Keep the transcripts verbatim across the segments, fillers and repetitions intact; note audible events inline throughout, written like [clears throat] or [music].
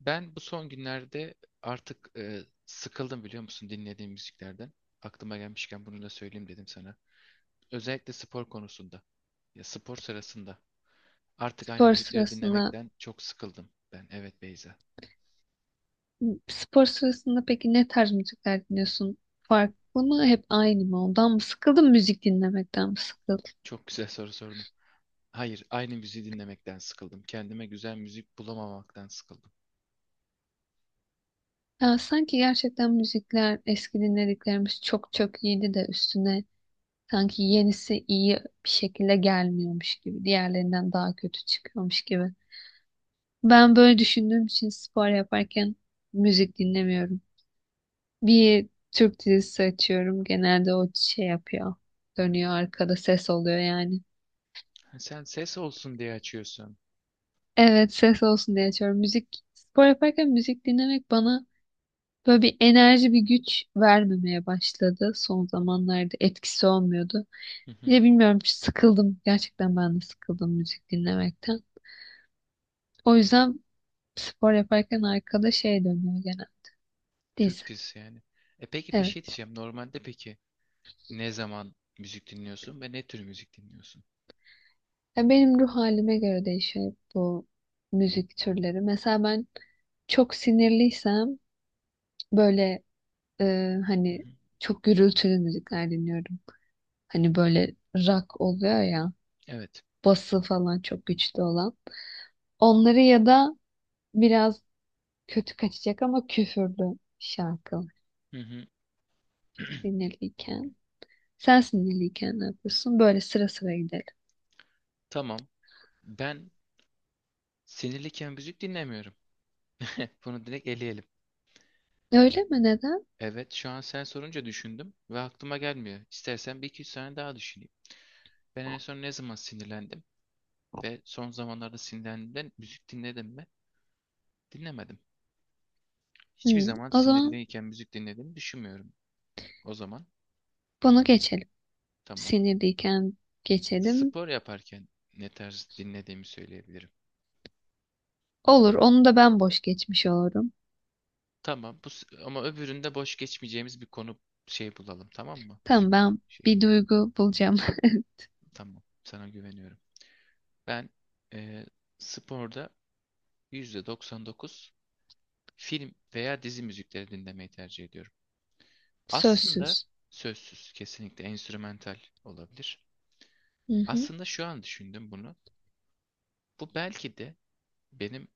Ben bu son günlerde artık e, sıkıldım biliyor musun dinlediğim müziklerden. Aklıma gelmişken bunu da söyleyeyim dedim sana. Özellikle spor konusunda. Ya spor sırasında. Artık aynı Spor müzikleri sırasında, dinlemekten çok sıkıldım ben. Evet Beyza. Spor sırasında peki ne tarz müzikler dinliyorsun? Farklı mı, hep aynı mı? Ondan mı sıkıldın, müzik dinlemekten mi sıkıldın? Çok güzel soru sordun. Hayır, aynı müziği dinlemekten sıkıldım. Kendime güzel müzik bulamamaktan sıkıldım. Ya sanki gerçekten müzikler, eski dinlediklerimiz çok çok iyiydi de üstüne sanki yenisi iyi bir şekilde gelmiyormuş gibi, diğerlerinden daha kötü çıkıyormuş gibi. Ben böyle düşündüğüm için spor yaparken müzik dinlemiyorum. Bir Türk dizisi açıyorum, genelde o şey yapıyor, dönüyor arkada ses oluyor yani. Ha, sen ses olsun diye açıyorsun. Evet, ses olsun diye açıyorum. Müzik spor yaparken müzik dinlemek bana böyle bir enerji bir güç vermemeye başladı. Son zamanlarda etkisi olmuyordu. Hı hı. Ya bilmiyorum, sıkıldım. Gerçekten ben de sıkıldım müzik dinlemekten. O yüzden spor yaparken arkada şey dönüyor gene. Dizi. Türk dizisi yani. E peki bir şey Evet. diyeceğim. Normalde peki ne zaman müzik dinliyorsun ve ne tür müzik dinliyorsun? Ya benim ruh halime göre değişiyor bu müzik türleri. Mesela ben çok sinirliysem böyle e, Hı hani hı. çok gürültülü müzikler dinliyorum. Hani böyle rock oluyor ya. Evet. Bası falan çok güçlü olan. Onları ya da biraz kötü kaçacak ama küfürlü şarkı Hı hı. [clears throat] sinirliyken. Sen sinirliyken ne yapıyorsun? Böyle sıra sıra gidelim. Tamam. Ben sinirliyken müzik dinlemiyorum. [laughs] Bunu direkt eleyelim. Öyle mi? Neden? Evet, şu an sen sorunca düşündüm ve aklıma gelmiyor. İstersen bir iki üç saniye daha düşüneyim. Ben en son ne zaman sinirlendim ve son zamanlarda sinirlendiğimde müzik dinledim mi? Dinlemedim. Hiçbir Hı, zaman o zaman sinirliyken müzik dinlediğimi düşünmüyorum. O zaman bunu geçelim. tamam. Sinirliyken geçelim. Spor yaparken ne tarz dinlediğimi söyleyebilirim. Olur. Onu da ben boş geçmiş olurum. Tamam bu s- ama öbüründe boş geçmeyeceğimiz bir konu şey bulalım tamam mı? Müzik Tamam, ben şeyi. bir duygu bulacağım. Tamam. Sana güveniyorum. Ben eee, sporda yüzde doksan dokuz film veya dizi müzikleri dinlemeyi tercih ediyorum. [laughs] Aslında Sözsüz. sözsüz, kesinlikle enstrümantal olabilir. Hı hı. Aslında şu an düşündüm bunu. Bu belki de benim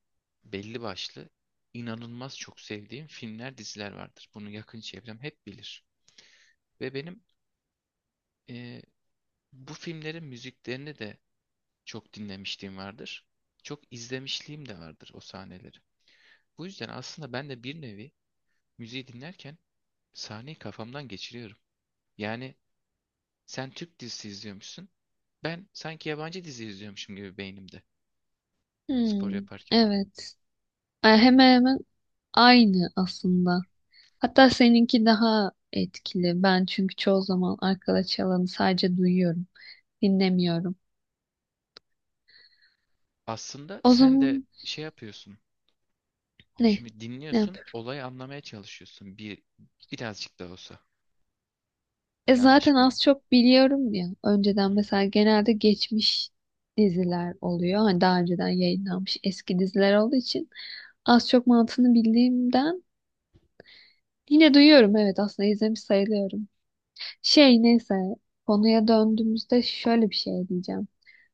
belli başlı inanılmaz çok sevdiğim filmler, diziler vardır. Bunu yakın çevrem hep bilir. Ve benim eee, bu filmlerin müziklerini de çok dinlemişliğim vardır. Çok izlemişliğim de vardır o sahneleri. Bu yüzden aslında ben de bir nevi müziği dinlerken sahneyi kafamdan geçiriyorum. Yani sen Türk dizisi izliyormuşsun. Ben sanki yabancı dizi izliyormuşum gibi beynimde spor Hmm, yaparken. evet. E, hemen hemen aynı aslında. Hatta seninki daha etkili. Ben çünkü çoğu zaman arkada çalanı sadece duyuyorum, dinlemiyorum. Aslında O sen de zaman şey yapıyorsun. ne? Şimdi Ne dinliyorsun, yapıyorum? olayı anlamaya çalışıyorsun bir birazcık da olsa. E, zaten Yanlış mıyım? az çok biliyorum ya. Önceden Hmm. mesela genelde geçmiş diziler oluyor. Hani daha önceden yayınlanmış eski diziler olduğu için az çok mantığını bildiğimden yine duyuyorum. Evet, aslında izlemiş sayılıyorum. Şey, neyse, konuya döndüğümüzde şöyle bir şey diyeceğim.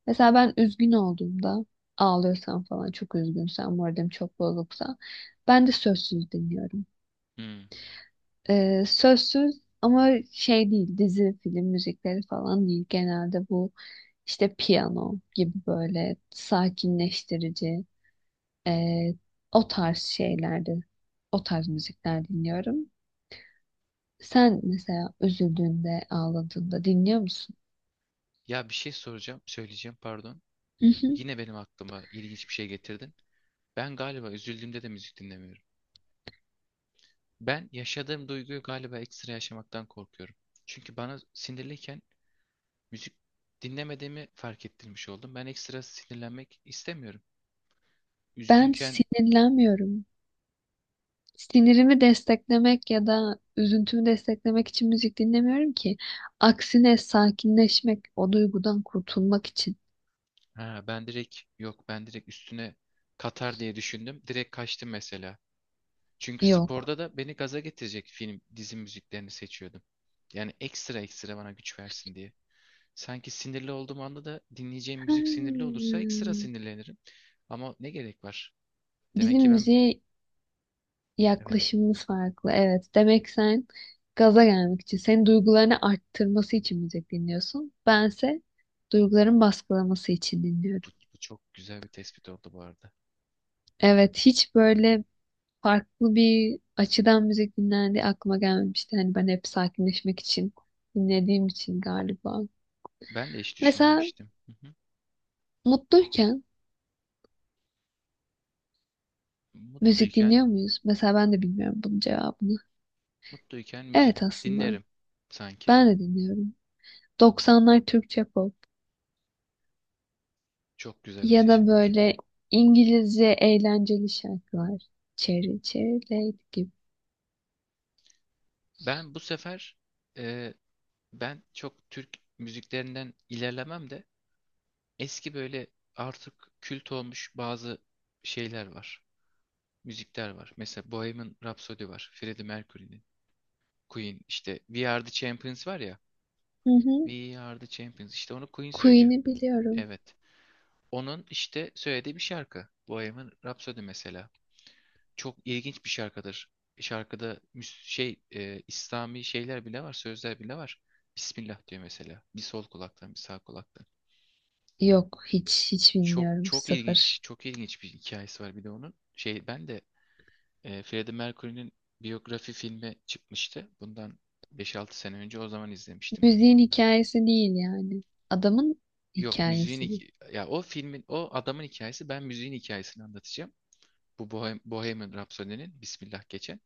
Mesela ben üzgün olduğumda ağlıyorsam falan, çok üzgünsem, moralim çok bozuksa ben de sözsüz dinliyorum. Hmm. Ee, sözsüz ama şey değil, dizi film müzikleri falan değil genelde, bu işte piyano gibi böyle sakinleştirici ee, o tarz şeylerde o tarz müzikler dinliyorum. Sen mesela üzüldüğünde ağladığında dinliyor musun? Ya bir şey soracağım, söyleyeceğim pardon. Mhm. Yine benim aklıma ilginç bir şey getirdin. Ben galiba üzüldüğümde de müzik dinlemiyorum. Ben yaşadığım duyguyu galiba ekstra yaşamaktan korkuyorum. Çünkü bana sinirliyken müzik dinlemediğimi fark ettirmiş oldum. Ben ekstra sinirlenmek istemiyorum. Ben Üzgünken sinirlenmiyorum. Sinirimi desteklemek ya da üzüntümü desteklemek için müzik dinlemiyorum ki. Aksine sakinleşmek, o duygudan kurtulmak için. ha, ben direkt yok ben direkt üstüne katar diye düşündüm. Direkt kaçtım mesela. Çünkü Yok. sporda da beni gaza getirecek film, dizi müziklerini seçiyordum. Yani ekstra ekstra bana güç versin diye. Sanki sinirli olduğum anda da dinleyeceğim müzik sinirli olursa ekstra Hmm. sinirlenirim. Ama ne gerek var? Demek Bizim ki ben müziğe evet. yaklaşımımız farklı. Evet. Demek sen gaza gelmek için, senin duygularını arttırması için müzik dinliyorsun. Bense duyguların baskılaması için Bu, dinliyorum. bu çok güzel bir tespit oldu bu arada. Evet, hiç böyle farklı bir açıdan müzik dinlendiği aklıma gelmemişti. Hani ben hep sakinleşmek için dinlediğim için galiba. Ben de hiç Mesela düşünmemiştim. Hı hı. mutluyken müzik Mutluyken, dinliyor muyuz? Mesela ben de bilmiyorum bunun cevabını. mutluyken müzik Evet, aslında dinlerim sanki. ben de dinliyorum. doksanlar Türkçe pop Çok güzel bir ya da seçenek. böyle İngilizce eğlenceli şarkılar. Cherry Cherry Lady gibi. Ben bu sefer e, ben çok Türk müziklerinden ilerlemem de eski böyle artık kült olmuş bazı şeyler var. Müzikler var. Mesela Bohemian Rhapsody var. Freddie Mercury'nin. Queen işte We Are The Champions var ya. Hı hı. We Are The Champions. İşte onu Queen söylüyor. Queen'i biliyorum. Evet. Onun işte söylediği bir şarkı. Bohemian Rhapsody mesela. Çok ilginç bir şarkıdır. E, şarkıda müs- şey e, İslami şeyler bile var, sözler bile var. Bismillah diyor mesela. Bir sol kulaktan, bir sağ kulaktan. Yok, hiç hiç Çok bilmiyorum, çok sıfır. ilginç, çok ilginç bir hikayesi var bir de onun. Şey ben de e, Freddie Mercury'nin biyografi filmi çıkmıştı. Bundan beş altı sene önce o zaman izlemiştim. Müziğin hikayesi değil yani. Adamın Yok müziğin hikayesi bu. hik- ya o filmin o adamın hikayesi, ben müziğin hikayesini anlatacağım. Bu Bohem- Bohemian Rhapsody'nin Bismillah geçen.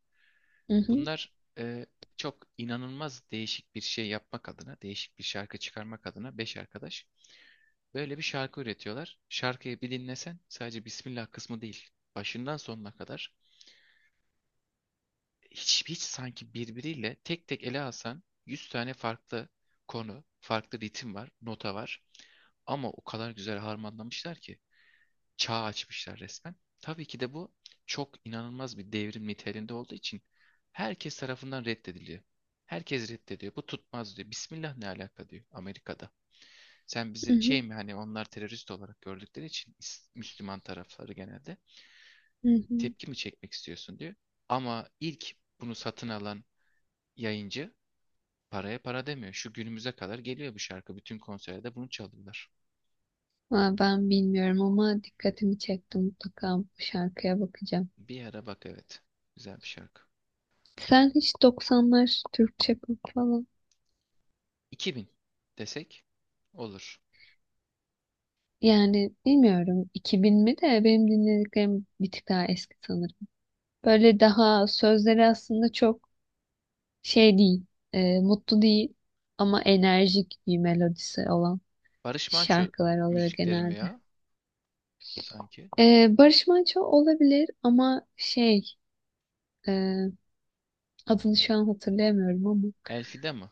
Hı hı, Bunlar e, çok inanılmaz değişik bir şey yapmak adına, değişik bir şarkı çıkarmak adına beş arkadaş böyle bir şarkı üretiyorlar. Şarkıyı bir dinlesen sadece Bismillah kısmı değil, başından sonuna kadar hiç, hiç sanki birbiriyle tek tek ele alsan yüz tane farklı konu, farklı ritim var, nota var. Ama o kadar güzel harmanlamışlar ki çağ açmışlar resmen. Tabii ki de bu çok inanılmaz bir devrim niteliğinde olduğu için herkes tarafından reddediliyor. Herkes reddediyor. Bu tutmaz diyor. Bismillah ne alaka diyor Amerika'da. Sen hı bizi şey hı, mi hani onlar terörist olarak gördükleri için is- Müslüman tarafları genelde hı hı. tepki mi çekmek istiyorsun diyor. Ama ilk bunu satın alan yayıncı paraya para demiyor. Şu günümüze kadar geliyor bu şarkı. Bütün konserde bunu çalıyorlar. Aa, ben bilmiyorum ama dikkatimi çekti, mutlaka bu şarkıya bakacağım. Bir ara bak evet. Güzel bir şarkı. Sen hiç doksanlar Türkçe pop falan, iki bin desek olur. yani bilmiyorum, iki bin mi de, benim dinlediklerim bir tık daha eski sanırım. Böyle daha sözleri aslında çok şey değil, e, mutlu değil ama enerjik bir melodisi olan Barış Manço şarkılar oluyor müzikleri mi genelde. ya sanki? Ee, Barış Manço olabilir ama şey, e, adını şu an hatırlayamıyorum ama Elfide mi?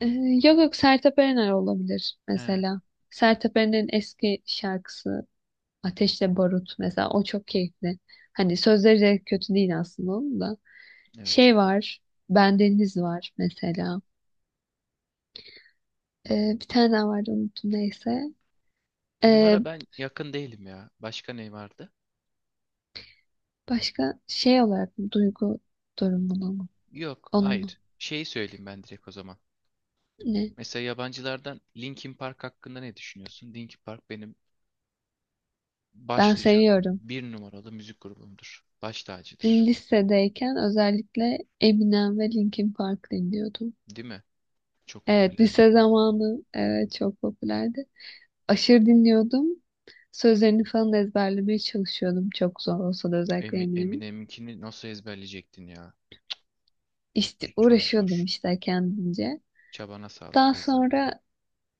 Ee, yok yok, Sertab Erener olabilir He, mesela. Sertab Erener'in eski şarkısı Ateşle Barut mesela, o çok keyifli. Hani sözleri de kötü değil aslında onun da. evet. Şey var, Bendeniz var mesela. Ee, bir tane daha vardı, unuttum, neyse. Bunlara Ee, ben yakın değilim ya. Başka ne vardı? başka şey olarak mı? Duygu durumunu mu? Yok, Onun mu? hayır. Şeyi söyleyeyim ben direkt o zaman. Ne? Mesela yabancılardan Linkin Park hakkında ne düşünüyorsun? Linkin Park benim Ben başlıca seviyorum. bir numaralı müzik grubumdur. Baş tacıdır. Lisedeyken özellikle Eminem ve Linkin Park dinliyordum. Değil mi? Çok Evet, popülerdi lise ya. zamanı, evet, çok popülerdi. Aşırı dinliyordum. Sözlerini falan ezberlemeye çalışıyordum. Çok zor olsa da, özellikle Emi- Eminem'in. Eminem'inkini nasıl ezberleyecektin ya? İşte Çok uğraşıyordum zor. işte kendince. Çabana sağlık Daha Beyza. sonra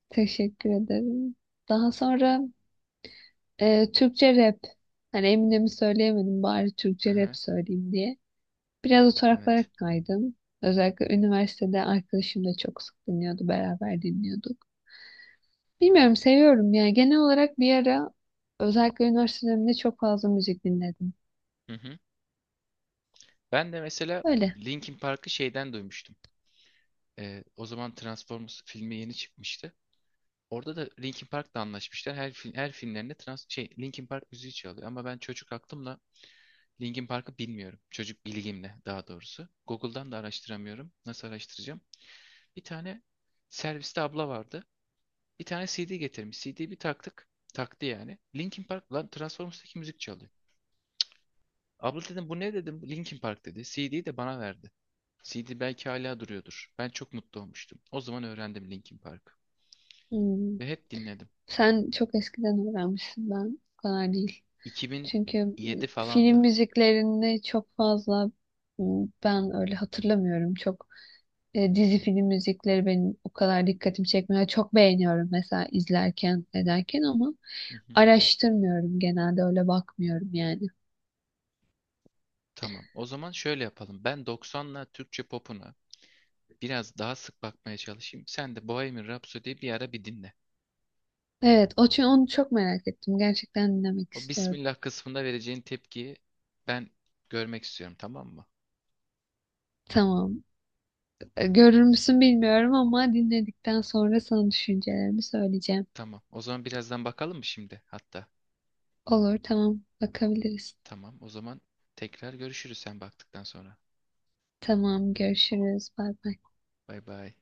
teşekkür ederim. Daha sonra e, Türkçe rap. Hani Eminem'i söyleyemedim, bari Hı Türkçe rap hı, söyleyeyim diye. Biraz o taraflara evet. kaydım. Özellikle üniversitede arkadaşım da çok sık dinliyordu. Beraber dinliyorduk. Bilmiyorum, seviyorum yani. Genel olarak bir ara, özellikle üniversite döneminde çok fazla müzik dinledim. Hı hı. Ben de mesela Öyle. Linkin Park'ı şeyden duymuştum. Ee, o zaman Transformers filmi yeni çıkmıştı. Orada da Linkin Park'la anlaşmışlar. Her film, her filmlerinde trans şey Linkin Park müziği çalıyor ama ben çocuk aklımla Linkin Park'ı bilmiyorum. Çocuk bilgimle daha doğrusu. Google'dan da araştıramıyorum. Nasıl araştıracağım? Bir tane serviste abla vardı. Bir tane C D getirmiş. C D'yi bir taktık. Taktı yani. Linkin Park lan Transformers'taki müzik çalıyor. Abla dedim bu ne dedim. Linkin Park dedi. C D'yi de bana verdi. C D belki hala duruyordur. Ben çok mutlu olmuştum. O zaman öğrendim Linkin Park'ı. Hmm. Ve hep dinledim. Sen çok eskiden öğrenmişsin, ben o kadar değil. Çünkü mm, iki bin yedi film falandı. müziklerini çok fazla mm, ben öyle hatırlamıyorum. Çok e, dizi film müzikleri benim o kadar dikkatimi çekmiyor. Çok beğeniyorum mesela izlerken ederken ama Hı hı. araştırmıyorum genelde, öyle bakmıyorum yani. Tamam. O zaman şöyle yapalım. Ben doksanla Türkçe popuna biraz daha sık bakmaya çalışayım. Sen de Bohemian Rhapsody'yi bir ara bir dinle. Evet, o, çünkü onu çok merak ettim. Gerçekten dinlemek O istiyorum. Bismillah kısmında vereceğin tepkiyi ben görmek istiyorum, tamam mı? Tamam. E, görür müsün bilmiyorum ama dinledikten sonra sana düşüncelerimi söyleyeceğim. Tamam. O zaman birazdan bakalım mı şimdi hatta? Olur, tamam. Bakabiliriz. Tamam. O zaman tekrar görüşürüz sen baktıktan sonra. Tamam, görüşürüz. Bay bay. Bay bay.